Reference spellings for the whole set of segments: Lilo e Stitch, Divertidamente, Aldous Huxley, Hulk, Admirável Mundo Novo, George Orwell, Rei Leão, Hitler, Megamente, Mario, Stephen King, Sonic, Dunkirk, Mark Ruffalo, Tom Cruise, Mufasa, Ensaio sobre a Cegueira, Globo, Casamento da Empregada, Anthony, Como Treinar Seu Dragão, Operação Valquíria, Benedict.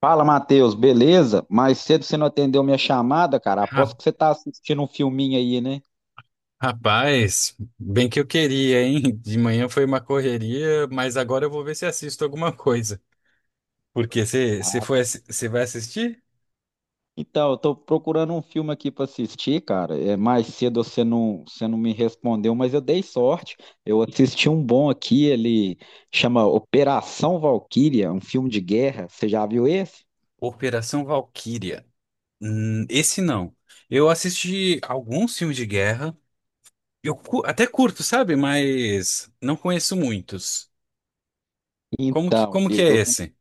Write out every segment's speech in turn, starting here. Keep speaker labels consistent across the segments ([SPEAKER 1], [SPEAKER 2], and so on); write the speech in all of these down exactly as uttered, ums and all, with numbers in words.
[SPEAKER 1] Fala, Matheus, beleza? Mais cedo você não atendeu minha chamada, cara.
[SPEAKER 2] Ra-
[SPEAKER 1] Aposto que você tá assistindo um filminho aí, né?
[SPEAKER 2] Rapaz, bem que eu queria, hein? De manhã foi uma correria, mas agora eu vou ver se assisto alguma coisa. Porque você você foi, você vai assistir?
[SPEAKER 1] Então, eu tô procurando um filme aqui pra assistir, cara. É, mais cedo você não, você não me respondeu, mas eu dei sorte. Eu assisti um bom aqui, ele chama Operação Valquíria, um filme de guerra. Você já viu esse?
[SPEAKER 2] Operação Valquíria. Hum, esse não. Eu assisti alguns filmes de guerra. Eu cu- até curto, sabe? Mas não conheço muitos. Como que,
[SPEAKER 1] Então,
[SPEAKER 2] como que é
[SPEAKER 1] eu
[SPEAKER 2] esse?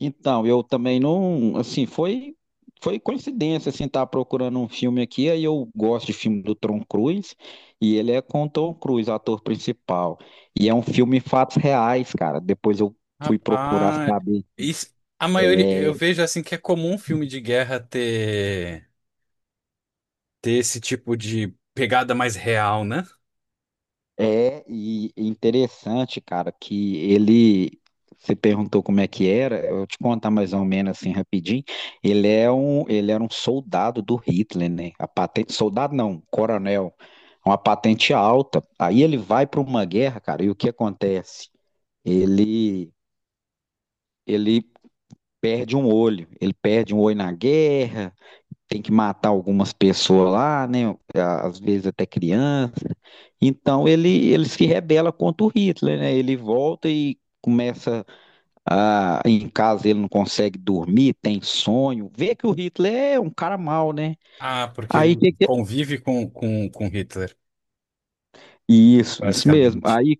[SPEAKER 1] Então, eu também não, assim, foi foi coincidência, assim, estar procurando um filme aqui, aí eu gosto de filme do Tom Cruise, e ele é com o Tom Cruise, ator principal, e é um filme fatos reais, cara, depois eu fui procurar
[SPEAKER 2] Rapaz,
[SPEAKER 1] saber,
[SPEAKER 2] isso- a maioria, eu
[SPEAKER 1] é.
[SPEAKER 2] vejo assim que é comum filme de guerra ter, ter esse tipo de pegada mais real, né?
[SPEAKER 1] É, e e interessante, cara, que ele. Você perguntou como é que era, eu vou te contar mais ou menos assim rapidinho. Ele é um, ele era um soldado do Hitler, né? A patente, soldado não, coronel, uma patente alta. Aí ele vai para uma guerra, cara, e o que acontece? Ele, ele perde um olho, ele perde um olho na guerra, tem que matar algumas pessoas lá, né? Às vezes até criança. Então ele, ele se rebela contra o Hitler, né? Ele volta e começa a, em casa ele não consegue dormir, tem sonho, vê que o Hitler é um cara mau, né?
[SPEAKER 2] Ah, porque
[SPEAKER 1] Aí
[SPEAKER 2] ele
[SPEAKER 1] que que- é?
[SPEAKER 2] convive com, com, com Hitler,
[SPEAKER 1] isso, isso mesmo.
[SPEAKER 2] basicamente.
[SPEAKER 1] Aí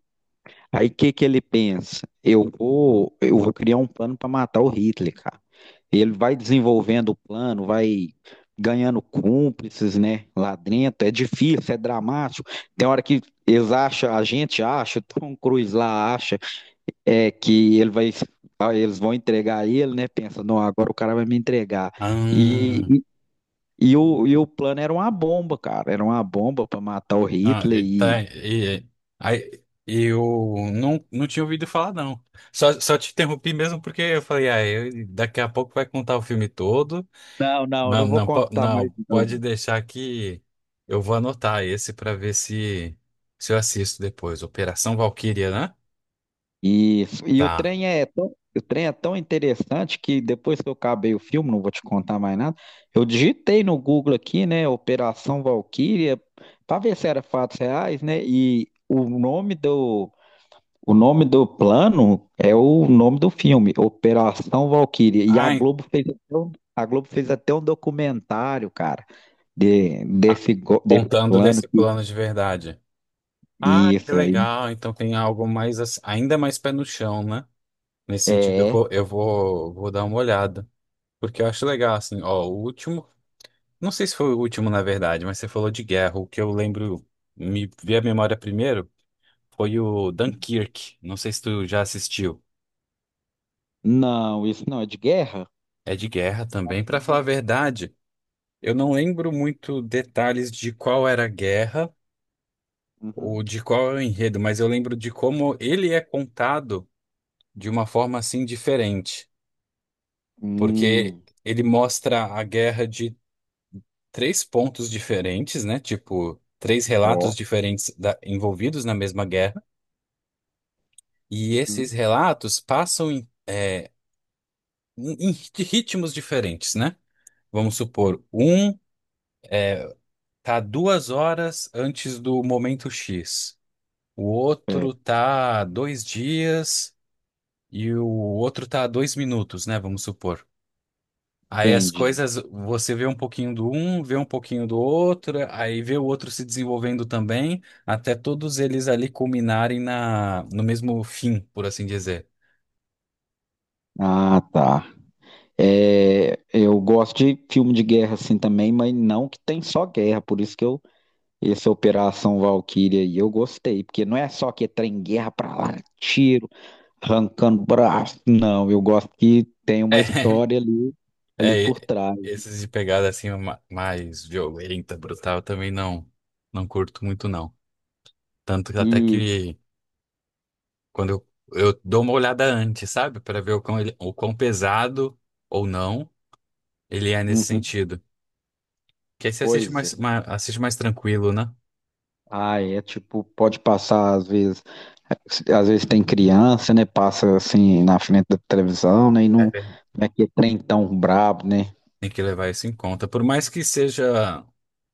[SPEAKER 1] Aí o que que ele pensa? Eu vou, eu vou criar um plano para matar o Hitler, cara. Ele vai desenvolvendo o plano, vai ganhando cúmplices, né, lá dentro. É difícil, é dramático. Tem hora que eles acham, a gente acha, o Tom Cruise lá acha, é que ele vai, ah, eles vão entregar ele, né? Pensa, não, agora o cara vai me entregar.
[SPEAKER 2] Ah,
[SPEAKER 1] E, e, e o, e o plano era uma bomba, cara. Era uma bomba para matar o
[SPEAKER 2] não,
[SPEAKER 1] Hitler
[SPEAKER 2] ele
[SPEAKER 1] e...
[SPEAKER 2] tá. E, aí, eu não, não tinha ouvido falar, não. Só, só te interrompi mesmo porque eu falei, ah, eu- daqui a pouco vai contar o filme todo.
[SPEAKER 1] Não, não,
[SPEAKER 2] Não,
[SPEAKER 1] não vou
[SPEAKER 2] não, po-
[SPEAKER 1] contar mais
[SPEAKER 2] não, pode
[SPEAKER 1] não.
[SPEAKER 2] deixar que eu vou anotar esse para ver se, se eu assisto depois. Operação Valquíria, né?
[SPEAKER 1] E, e o
[SPEAKER 2] Tá.
[SPEAKER 1] trem é tão, o trem é tão interessante que depois que eu acabei o filme, não vou te contar mais nada, eu digitei no Google aqui, né, Operação Valquíria, para ver se era fatos reais, né? E o nome do o nome do plano é o nome do filme, Operação Valquíria. E a
[SPEAKER 2] Ah, en-
[SPEAKER 1] Globo fez até um, a Globo fez até um documentário, cara, de,
[SPEAKER 2] ah,
[SPEAKER 1] desse go- desse
[SPEAKER 2] contando
[SPEAKER 1] plano
[SPEAKER 2] desse
[SPEAKER 1] que
[SPEAKER 2] plano de verdade. Ah, que
[SPEAKER 1] isso aí
[SPEAKER 2] legal. Então tem algo mais ass- ainda mais pé no chão, né? Nesse sentido, eu
[SPEAKER 1] é,
[SPEAKER 2] vou, eu vou, vou dar uma olhada. Porque eu acho legal, assim, ó, o último. Não sei se foi o último, na verdade, mas você falou de guerra. O que eu lembro, me vi a memória primeiro, foi o Dunkirk. Não sei se tu já assistiu.
[SPEAKER 1] não, isso não é de guerra.
[SPEAKER 2] É de guerra também. Pra falar a verdade, eu não lembro muito detalhes de qual era a guerra ou
[SPEAKER 1] Uhum.
[SPEAKER 2] de qual é o enredo, mas eu lembro de como ele é contado de uma forma assim diferente. Porque
[SPEAKER 1] Hum.
[SPEAKER 2] ele mostra a guerra de três pontos diferentes, né? Tipo, três relatos
[SPEAKER 1] Ó,
[SPEAKER 2] diferentes da- envolvidos na mesma guerra, e esses
[SPEAKER 1] uhum.
[SPEAKER 2] relatos passam em, é, em- em ritmos diferentes, né? Vamos supor, um tá duas horas antes do momento X, o
[SPEAKER 1] É,
[SPEAKER 2] outro tá dois dias e o outro tá dois minutos, né? Vamos supor. Aí as
[SPEAKER 1] entendi.
[SPEAKER 2] coisas, você vê um pouquinho do um, vê um pouquinho do outro, aí vê o outro se desenvolvendo também, até todos eles ali culminarem na, no mesmo fim, por assim dizer.
[SPEAKER 1] Ah, tá. É, eu gosto de filme de guerra assim também, mas não que tem só guerra, por isso que eu essa Operação Valkyria aí eu gostei, porque não é só que é trem guerra pra lá, tiro, arrancando braço, não, eu gosto que tem
[SPEAKER 2] É,
[SPEAKER 1] uma história ali ali
[SPEAKER 2] é,
[SPEAKER 1] por
[SPEAKER 2] e-
[SPEAKER 1] trás.
[SPEAKER 2] esses de pegada assim ma- mais violenta, brutal, eu também não, não curto muito não. Tanto que até
[SPEAKER 1] E
[SPEAKER 2] que quando eu, eu dou uma olhada antes, sabe? Pra ver o quão, ele, o quão pesado ou não ele é nesse
[SPEAKER 1] uhum,
[SPEAKER 2] sentido. Que aí você assiste
[SPEAKER 1] pois
[SPEAKER 2] mais,
[SPEAKER 1] é.
[SPEAKER 2] mais, assiste mais tranquilo, né?
[SPEAKER 1] Ah, é tipo, pode passar às vezes, às vezes tem criança, né? Passa assim na frente da televisão, né? E não, não é aquele trem tão brabo, né?
[SPEAKER 2] Tem que levar isso em conta. Por mais que seja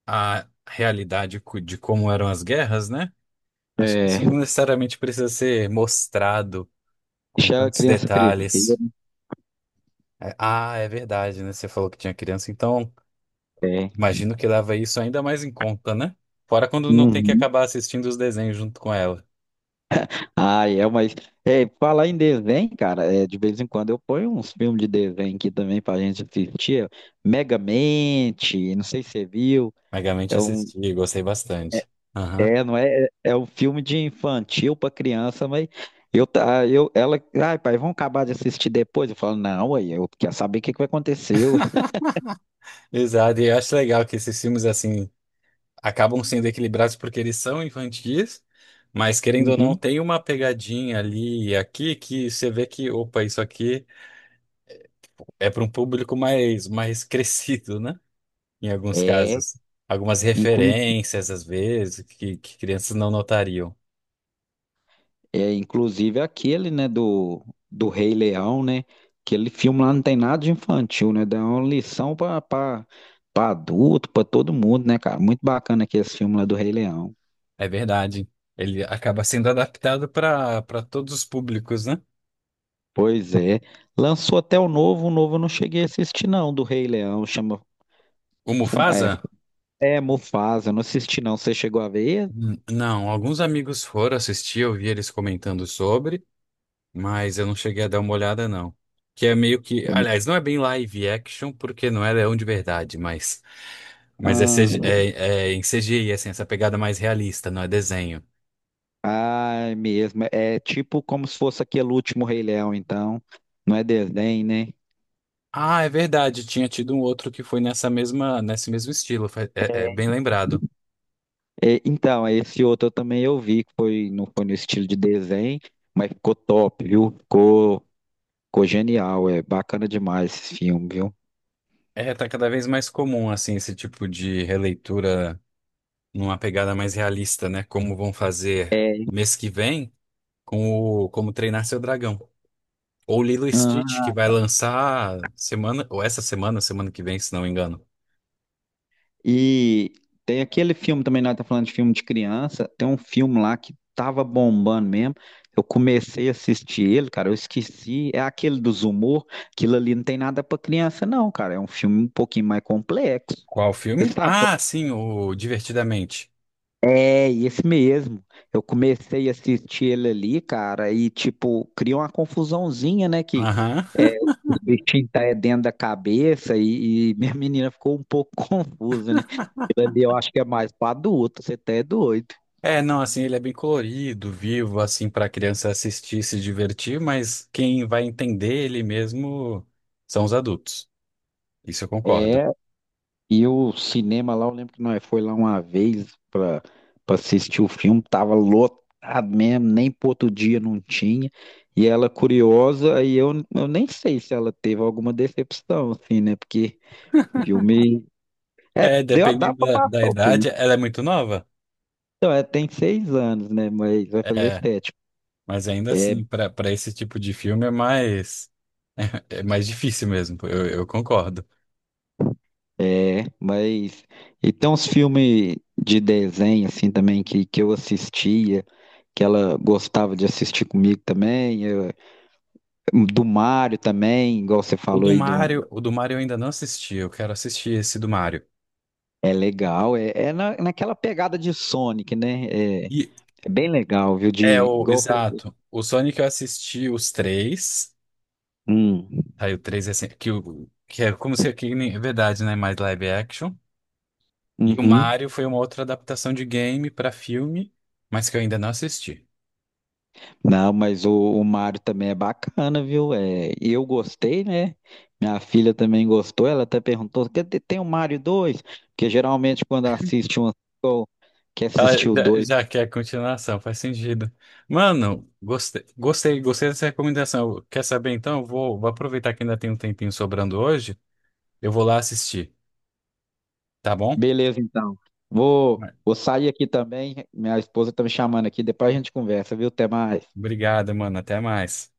[SPEAKER 2] a realidade cu- de como eram as guerras, né? Acho que isso
[SPEAKER 1] É,
[SPEAKER 2] não necessariamente precisa ser mostrado com
[SPEAKER 1] deixa a
[SPEAKER 2] tantos
[SPEAKER 1] criança crescer.
[SPEAKER 2] detalhes. É, ah, é verdade, né? Você falou que tinha criança, então imagino que leva isso ainda mais em conta, né? Fora quando não tem que
[SPEAKER 1] Uhum.
[SPEAKER 2] acabar assistindo os desenhos junto com ela.
[SPEAKER 1] Ah, é, mas é, falar em desenho, cara, é, de vez em quando eu ponho uns filmes de desenho aqui também pra gente assistir. Megamente, não sei se você viu,
[SPEAKER 2] Megamente
[SPEAKER 1] é um.
[SPEAKER 2] assisti, gostei bastante. Aham.
[SPEAKER 1] É, não é, é é um filme de infantil pra criança, mas eu, tá- eu, ela, ai, pai, vamos acabar de assistir depois. Eu falo, não, aí eu quero saber o que que vai acontecer.
[SPEAKER 2] Exato, e eu acho legal que esses filmes assim, acabam sendo equilibrados porque eles são infantis, mas querendo ou não,
[SPEAKER 1] Uhum.
[SPEAKER 2] tem uma pegadinha ali e aqui que você vê que, opa, isso aqui é para um público mais, mais crescido, né? Em alguns
[SPEAKER 1] É,
[SPEAKER 2] casos. Algumas
[SPEAKER 1] inclu,
[SPEAKER 2] referências, às vezes, que, que crianças não notariam.
[SPEAKER 1] é, inclusive aquele, né, do, do Rei Leão, né? Aquele filme lá não tem nada de infantil, né? Dá uma lição pra, pra, pra adulto, pra todo mundo, né, cara? Muito bacana aqui esse filme lá do Rei Leão.
[SPEAKER 2] É verdade. Ele acaba sendo adaptado para para todos os públicos, né?
[SPEAKER 1] Pois é. Lançou até o novo, o novo eu não cheguei a assistir, não, do Rei Leão, chama
[SPEAKER 2] O
[SPEAKER 1] Fu- é,
[SPEAKER 2] Mufasa?
[SPEAKER 1] É, Mufasa, eu não assisti não. Você chegou a ver?
[SPEAKER 2] Hum, Não, alguns amigos foram assistir, eu vi eles comentando sobre. Mas eu não cheguei a dar uma olhada, não. Que é meio que. Aliás, não é bem live action, porque não é leão de verdade, mas. Mas é, C G
[SPEAKER 1] Ah.
[SPEAKER 2] é, é em C G I, assim, essa pegada mais realista, não é desenho.
[SPEAKER 1] Ah, é mesmo. É tipo como se fosse aquele último Rei Leão, então. Não é desenho, né?
[SPEAKER 2] Ah, é verdade, tinha tido um outro que foi nessa mesma, nesse mesmo estilo, fa- é, é bem lembrado.
[SPEAKER 1] É, então, esse outro eu também eu vi, que foi, não foi no estilo de desenho, mas ficou top, viu? Ficou, ficou genial, é bacana demais esse filme, viu?
[SPEAKER 2] É, tá cada vez mais comum, assim, esse tipo de releitura numa pegada mais realista, né? Como vão fazer mês que vem com o Como Treinar Seu Dragão. Ou Lilo e Stitch, que vai lançar semana, ou essa semana, semana que vem, se não me engano.
[SPEAKER 1] E tem aquele filme também, nós tá falando de filme de criança, tem um filme lá que tava bombando mesmo. Eu comecei a assistir ele, cara, eu esqueci. É aquele dos humor, aquilo ali não tem nada pra criança, não, cara. É um filme um pouquinho mais complexo.
[SPEAKER 2] Qual
[SPEAKER 1] Você
[SPEAKER 2] filme?
[SPEAKER 1] sabe?
[SPEAKER 2] Ah, sim, o Divertidamente.
[SPEAKER 1] É, esse mesmo. Eu comecei a assistir ele ali, cara, e tipo, cria uma confusãozinha, né? Que
[SPEAKER 2] Aham.
[SPEAKER 1] é, os bichinhos tá é dentro da cabeça e, e minha menina ficou um pouco confusa, né? Ali eu acho que é mais pra adulto, você até é doido.
[SPEAKER 2] É, não, assim, ele é bem colorido, vivo, assim, pra criança assistir e se divertir, mas quem vai entender ele mesmo são os adultos. Isso eu concordo.
[SPEAKER 1] É, e o cinema lá, eu lembro que nós foi lá uma vez pra, pra assistir o filme, tava lotado mesmo, nem pro outro dia não tinha. E ela curiosa, e eu, eu nem sei se ela teve alguma decepção, assim, né? Porque filme. É,
[SPEAKER 2] É,
[SPEAKER 1] deu, dá
[SPEAKER 2] dependendo
[SPEAKER 1] pra
[SPEAKER 2] da, da
[SPEAKER 1] passar o tempo.
[SPEAKER 2] idade, ela é muito nova.
[SPEAKER 1] Então, é, tem seis anos, né? Mas vai fazer
[SPEAKER 2] É,
[SPEAKER 1] sete.
[SPEAKER 2] mas ainda assim, pra para esse tipo de filme é mais, é mais difícil mesmo, eu, eu concordo.
[SPEAKER 1] É, mas e tem uns filmes de desenho assim também que, que eu assistia, que ela gostava de assistir comigo também, eu- do Mario também, igual você
[SPEAKER 2] O
[SPEAKER 1] falou
[SPEAKER 2] do
[SPEAKER 1] aí do.
[SPEAKER 2] Mario, o do Mario eu ainda não assisti, eu quero assistir esse do Mario.
[SPEAKER 1] É legal, é, é na, naquela pegada de Sonic, né? É,
[SPEAKER 2] E
[SPEAKER 1] é bem legal, viu? De
[SPEAKER 2] é o,
[SPEAKER 1] igual eu falei,
[SPEAKER 2] exato, o Sonic eu assisti os três,
[SPEAKER 1] hum.
[SPEAKER 2] aí o três é assim, que, o- que é como se que nem- é verdade, né, mais live action. E o
[SPEAKER 1] Uhum.
[SPEAKER 2] Mario foi uma outra adaptação de game pra filme, mas que eu ainda não assisti.
[SPEAKER 1] Não, mas o, o Mario também é bacana, viu? É, eu gostei, né? Minha filha também gostou, ela até perguntou, "Quer dizer, tem o Mario dois, porque geralmente quando assiste um, ou quer
[SPEAKER 2] Ela
[SPEAKER 1] assistir o
[SPEAKER 2] já,
[SPEAKER 1] dois.
[SPEAKER 2] já quer continuação, faz sentido. Mano, gostei, gostei, gostei dessa recomendação. Quer saber então? Eu vou, vou aproveitar que ainda tem um tempinho sobrando hoje, eu vou lá assistir, tá bom?
[SPEAKER 1] Beleza, então. Vou, vou sair aqui também, minha esposa tá me chamando aqui, depois a gente conversa, viu? Até mais.
[SPEAKER 2] Obrigado, mano. Até mais.